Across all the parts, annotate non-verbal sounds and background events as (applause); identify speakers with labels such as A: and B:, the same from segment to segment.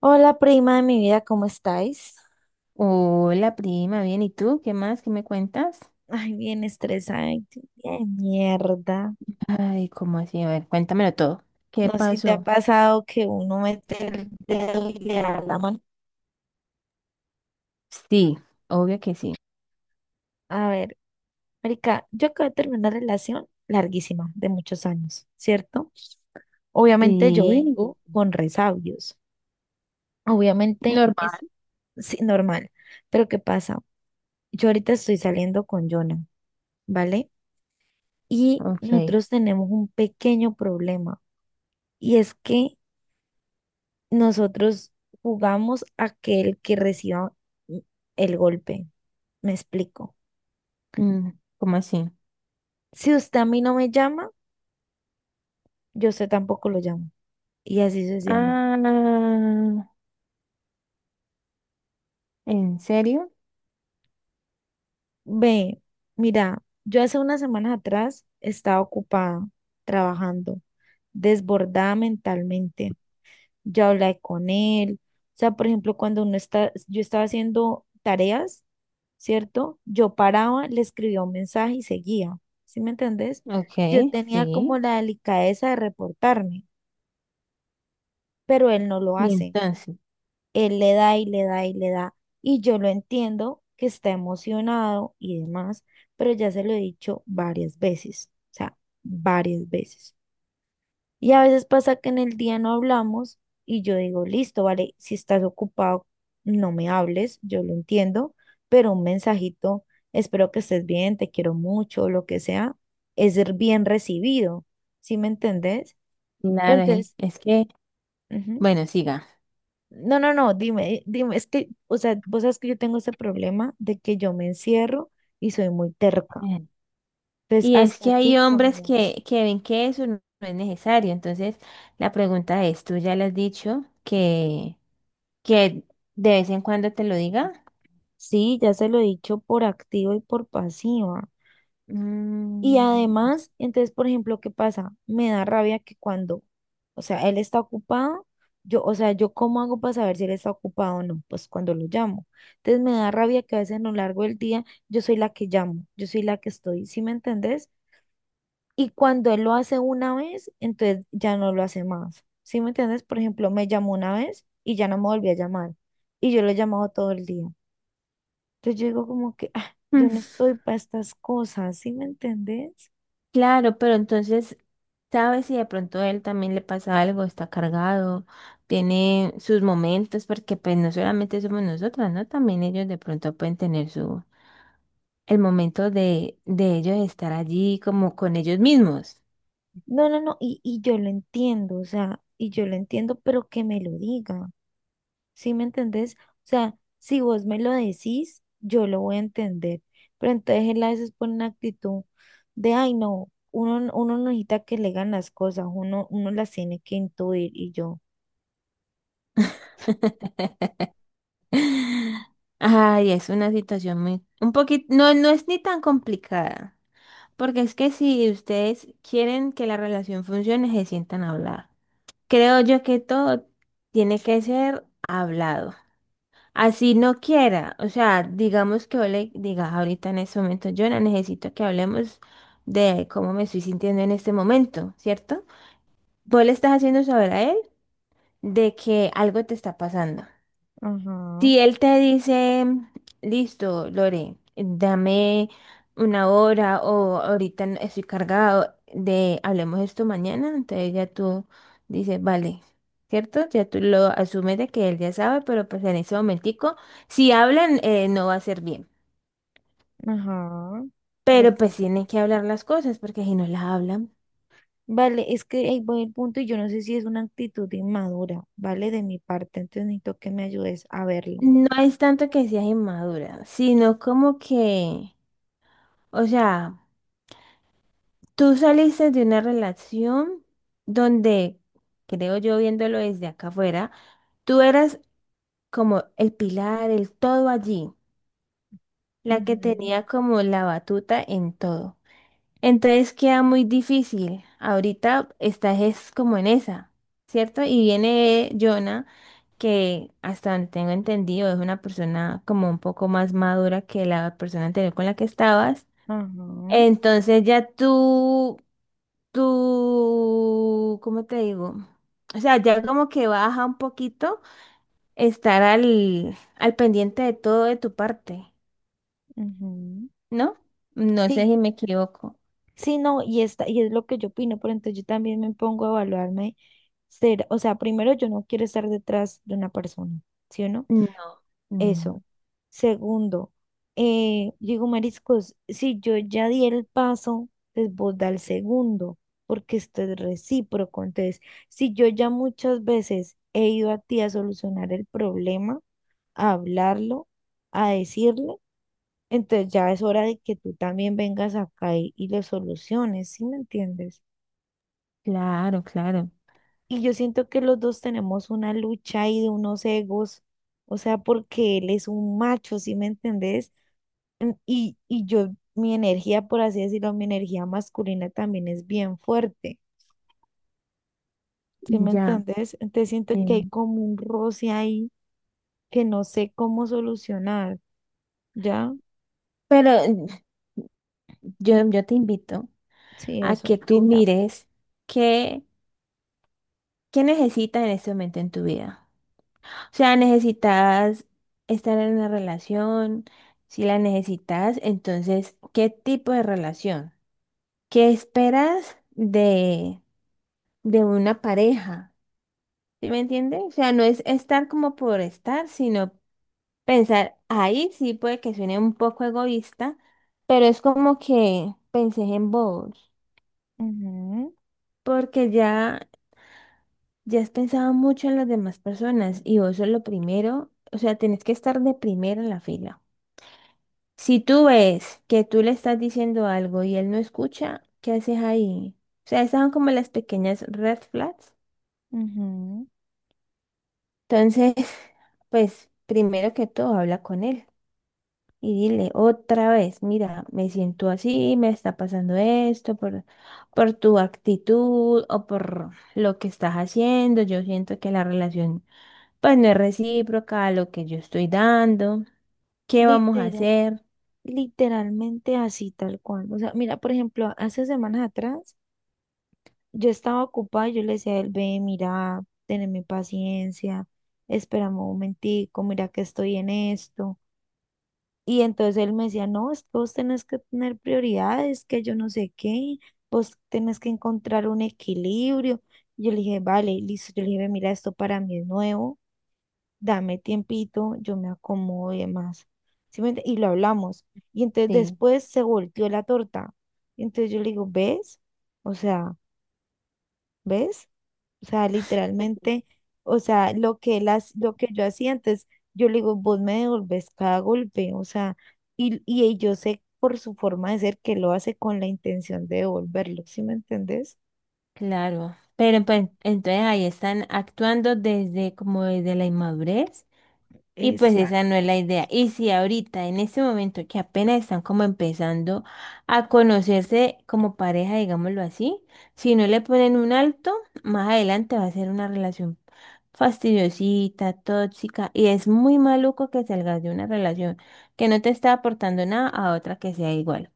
A: Hola, prima de mi vida, ¿cómo estáis?
B: Hola, prima, bien, ¿y tú? ¿Qué más? ¿Qué me cuentas?
A: Ay, bien estresada, ay, qué de mierda.
B: Ay, ¿cómo así? A ver, cuéntamelo todo. ¿Qué
A: No sé si te ha
B: pasó?
A: pasado que uno mete el dedo y le da la mano.
B: Sí, obvio que sí.
A: A ver, marica, yo acabo de terminar una relación larguísima, de muchos años, ¿cierto? Obviamente yo
B: Sí,
A: vengo con resabios. Obviamente es
B: normal.
A: sí, normal. Pero ¿qué pasa? Yo ahorita estoy saliendo con Jonah, ¿vale? Y
B: Ok.
A: nosotros tenemos un pequeño problema. Y es que nosotros jugamos a que el que reciba mm, el golpe. Me explico.
B: Mm, ¿cómo así?
A: Si usted a mí no me llama, yo a usted tampoco lo llamo. Y así sucesivamente.
B: Ah, ¿en serio?
A: Ve, mira, yo hace unas semanas atrás estaba ocupada trabajando, desbordada mentalmente. Yo hablé con él. O sea, por ejemplo, cuando uno está, yo estaba haciendo tareas, ¿cierto? Yo paraba, le escribía un mensaje y seguía, ¿sí me entendés?
B: Ok,
A: Yo tenía
B: sí.
A: como la delicadeza de reportarme, pero él no lo
B: Y
A: hace.
B: entonces,
A: Él le da y le da y le da. Y yo lo entiendo que está emocionado y demás, pero ya se lo he dicho varias veces, o sea, varias veces. Y a veces pasa que en el día no hablamos y yo digo, listo, vale, si estás ocupado, no me hables, yo lo entiendo, pero un mensajito, espero que estés bien, te quiero mucho, lo que sea, es ser bien recibido, ¿sí me entendés? Pero
B: claro,
A: entonces,
B: es que,
A: ujú.
B: bueno, siga.
A: No, no, no, dime, dime, es que, o sea, vos sabes que yo tengo ese problema de que yo me encierro y soy muy terca.
B: Eh,
A: Entonces,
B: Y es
A: hasta
B: que hay
A: aquí,
B: hombres
A: ¿como vas?
B: que ven que eso no es necesario. Entonces, la pregunta es, ¿tú ya le has dicho que de vez en cuando te lo diga.
A: Sí, ya se lo he dicho por activa y por pasiva. Y
B: Mm,
A: además, entonces, por ejemplo, ¿qué pasa? Me da rabia que cuando, o sea, él está ocupado, yo, o sea, yo cómo hago para saber si él está ocupado o no, pues cuando lo llamo. Entonces me da rabia que a veces a lo largo del día yo soy la que llamo, yo soy la que estoy, ¿sí me entendés? Y cuando él lo hace una vez, entonces ya no lo hace más, ¿sí me entendés? Por ejemplo, me llamó una vez y ya no me volvió a llamar y yo lo he llamado todo el día. Entonces yo digo como que, ah, yo no
B: mm,
A: estoy para estas cosas, ¿sí me entendés?
B: claro, pero entonces, ¿sabes si de pronto a él también le pasa algo? Está cargado, tiene sus momentos, porque pues no solamente somos nosotras, ¿no? También ellos de pronto pueden tener su, el momento de ellos estar allí como con ellos mismos.
A: No, no, no, y yo lo entiendo, o sea, y yo lo entiendo, pero que me lo diga, ¿sí me entendés? O sea, si vos me lo decís, yo lo voy a entender, pero entonces él a veces pone una actitud de, ay, no, uno, uno no necesita que le digan las cosas, uno las tiene que intuir, y yo,
B: (laughs) Ay, es una situación muy, un poquito, no, no es ni tan complicada. Porque es que si ustedes quieren que la relación funcione, se sientan a hablar. Creo yo que todo tiene que ser hablado. Así no quiera, o sea, digamos que yo le digas ahorita en este momento, Jonah, necesito que hablemos de cómo me estoy sintiendo en este momento, ¿cierto? Vos le estás haciendo saber a él de que algo te está pasando.
A: ajá,
B: Si él te dice, listo, Lore, dame una hora o ahorita estoy cargado de hablemos esto mañana, entonces ya tú dices, vale, ¿cierto? Ya tú lo asumes de que él ya sabe, pero pues en ese momentico, si hablan, no va a ser bien.
A: ajá, de
B: Pero pues
A: acuerdo.
B: tienen que hablar las cosas, porque si no las hablan,
A: Vale, es que ahí voy el punto y yo no sé si es una actitud inmadura, ¿vale? De mi parte, entonces necesito que me ayudes a verlo.
B: no es tanto que seas inmadura, sino como que, o sea... Tú saliste de una relación donde, creo yo viéndolo desde acá afuera, tú eras como el pilar, el todo allí, la que
A: Ujú.
B: tenía como la batuta en todo. Entonces queda muy difícil. Ahorita estás es como en esa, ¿cierto? Y viene Jonah, que hasta donde tengo entendido es una persona como un poco más madura que la persona anterior con la que estabas.
A: Ajá.
B: Entonces ya tú, ¿cómo te digo? O sea, ya como que baja un poquito estar al pendiente de todo de tu parte,
A: Ujú.
B: ¿no? No sé
A: Sí,
B: si me equivoco.
A: sí, no, y, esta, y es lo que yo opino, pero entonces yo también me pongo a evaluarme ser, o sea, primero yo no quiero estar detrás de una persona, ¿sí o no?
B: No, no.
A: Eso. Segundo, yo digo, mariscos, si yo ya di el paso, pues vos da el segundo, porque esto es recíproco. Entonces, si yo ya muchas veces he ido a ti a solucionar el problema, a hablarlo, a decirlo, entonces ya es hora de que tú también vengas acá y lo soluciones, ¿sí me entiendes?
B: Claro, claro.
A: Y yo siento que los dos tenemos una lucha ahí de unos egos, o sea, porque él es un macho, ¿sí me entendés? Y yo, mi energía, por así decirlo, mi energía masculina también es bien fuerte, ¿sí me
B: Ya.
A: entendés? Entonces siento que hay
B: em,
A: como un roce ahí que no sé cómo solucionar, ¿ya?
B: Pero yo te invito
A: Sí,
B: a
A: eso,
B: que tú
A: invita.
B: mires qué, qué necesitas en este momento en tu vida. O sea, necesitas estar en una relación, si la necesitas, entonces, ¿qué tipo de relación? ¿Qué esperas de una pareja? ¿Sí me entiendes? O sea, no es estar como por estar, sino pensar, ahí sí puede que suene un poco egoísta, pero es como que pensé en vos,
A: Ujú,
B: porque ya, ya has pensado mucho en las demás personas y vos sos lo primero, o sea, tenés que estar de primero en la fila. Si tú ves que tú le estás diciendo algo y él no escucha, ¿qué haces ahí? O sea, esas son como las pequeñas red flags.
A: ujú.
B: Entonces, (laughs) pues primero que todo, habla con él y dile otra vez, mira, me siento así, me está pasando esto por tu actitud o por lo que estás haciendo. Yo siento que la relación pues no es recíproca a lo que yo estoy dando. ¿Qué vamos a
A: Literal.
B: hacer?
A: Literalmente así, tal cual. O sea, mira, por ejemplo, hace semanas atrás yo estaba ocupada y yo le decía a él, ve, mira, teneme paciencia, espérame un momentico, mira que estoy en esto. Y entonces él me decía, no, es que vos tenés que tener prioridades, que yo no sé qué, vos tenés que encontrar un equilibrio. Yo le dije, vale, listo. Yo le dije, "Ve, mira, esto para mí es nuevo, dame tiempito, yo me acomodo y demás. Y lo hablamos. Y entonces
B: Sí.
A: después se volteó la torta. Y entonces yo le digo, ¿ves? O sea, ¿ves? O sea, literalmente, o sea, lo que yo hacía antes, yo le digo, vos me devolvés cada golpe, o sea, y yo sé por su forma de ser que lo hace con la intención de devolverlo, ¿sí me entendés?
B: Claro, pero pues entonces ahí están actuando desde como desde la inmadurez y pues esa no es
A: Exacto.
B: la idea. Y si ahorita en este momento que apenas están como empezando a conocerse como pareja, digámoslo así, si no le ponen un alto, más adelante va a ser una relación fastidiosita, tóxica y es muy maluco que salgas de una relación que no te está aportando nada a otra que sea igual.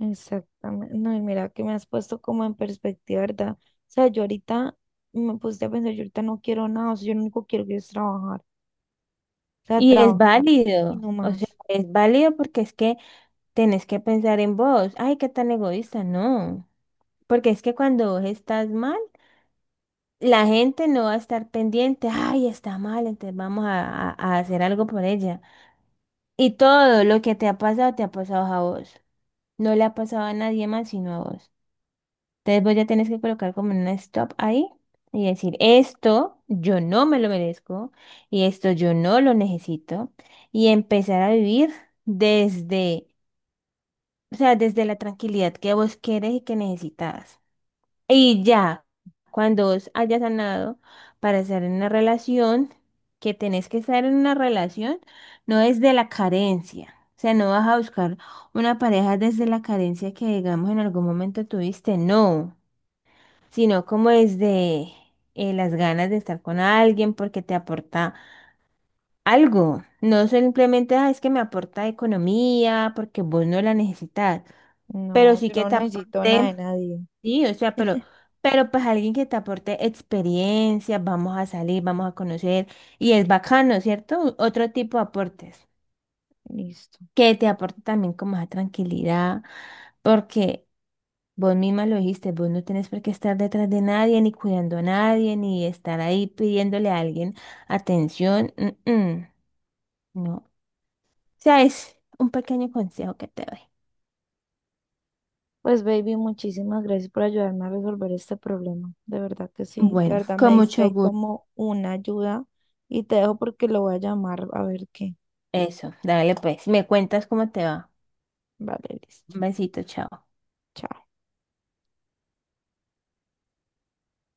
A: Exactamente. No, y mira que me has puesto como en perspectiva, ¿verdad? O sea, yo ahorita me puse a pensar, yo ahorita no quiero nada, o sea, yo lo único que quiero es trabajar, o sea,
B: Y es
A: trabajar y
B: válido,
A: no
B: o sea,
A: más.
B: es válido porque es que tenés que pensar en vos. Ay, qué tan egoísta, no. Porque es que cuando vos estás mal, la gente no va a estar pendiente. Ay, está mal, entonces vamos a, a hacer algo por ella. Y todo lo que te ha pasado a vos. No le ha pasado a nadie más sino a vos. Entonces vos ya tenés que colocar como un stop ahí y decir, esto yo no me lo merezco y esto yo no lo necesito. Y empezar a vivir desde O sea, desde la tranquilidad que vos querés y que necesitas. Y ya, cuando vos hayas sanado para estar en una relación, que tenés que estar en una relación, no desde la carencia. O sea, no vas a buscar una pareja desde la carencia que, digamos, en algún momento tuviste, no, sino como desde las ganas de estar con alguien porque te aporta algo. No simplemente, "Ah, es que me aporta economía porque vos no la necesitas, pero
A: No,
B: sí
A: yo
B: que
A: no
B: te
A: necesito nada
B: aporte,
A: de nadie.
B: sí, o sea, pero pues alguien que te aporte experiencia, vamos a salir, vamos a conocer, y es bacano, ¿cierto? Otro tipo de aportes,
A: Listo.
B: que te aporte también como esa tranquilidad, porque vos misma lo dijiste, vos no tenés por qué estar detrás de nadie, ni cuidando a nadie, ni estar ahí pidiéndole a alguien atención. Mm, mm. No. Sea, es un pequeño consejo que te doy.
A: Pues, baby, muchísimas gracias por ayudarme a resolver este problema. De verdad que sí, de
B: Bueno,
A: verdad me
B: con
A: diste
B: mucho
A: ahí
B: gusto.
A: como una ayuda y te dejo porque lo voy a llamar a ver qué.
B: Eso, dale pues. Me cuentas cómo te va.
A: Vale, listo.
B: Un besito, chao.
A: Chao.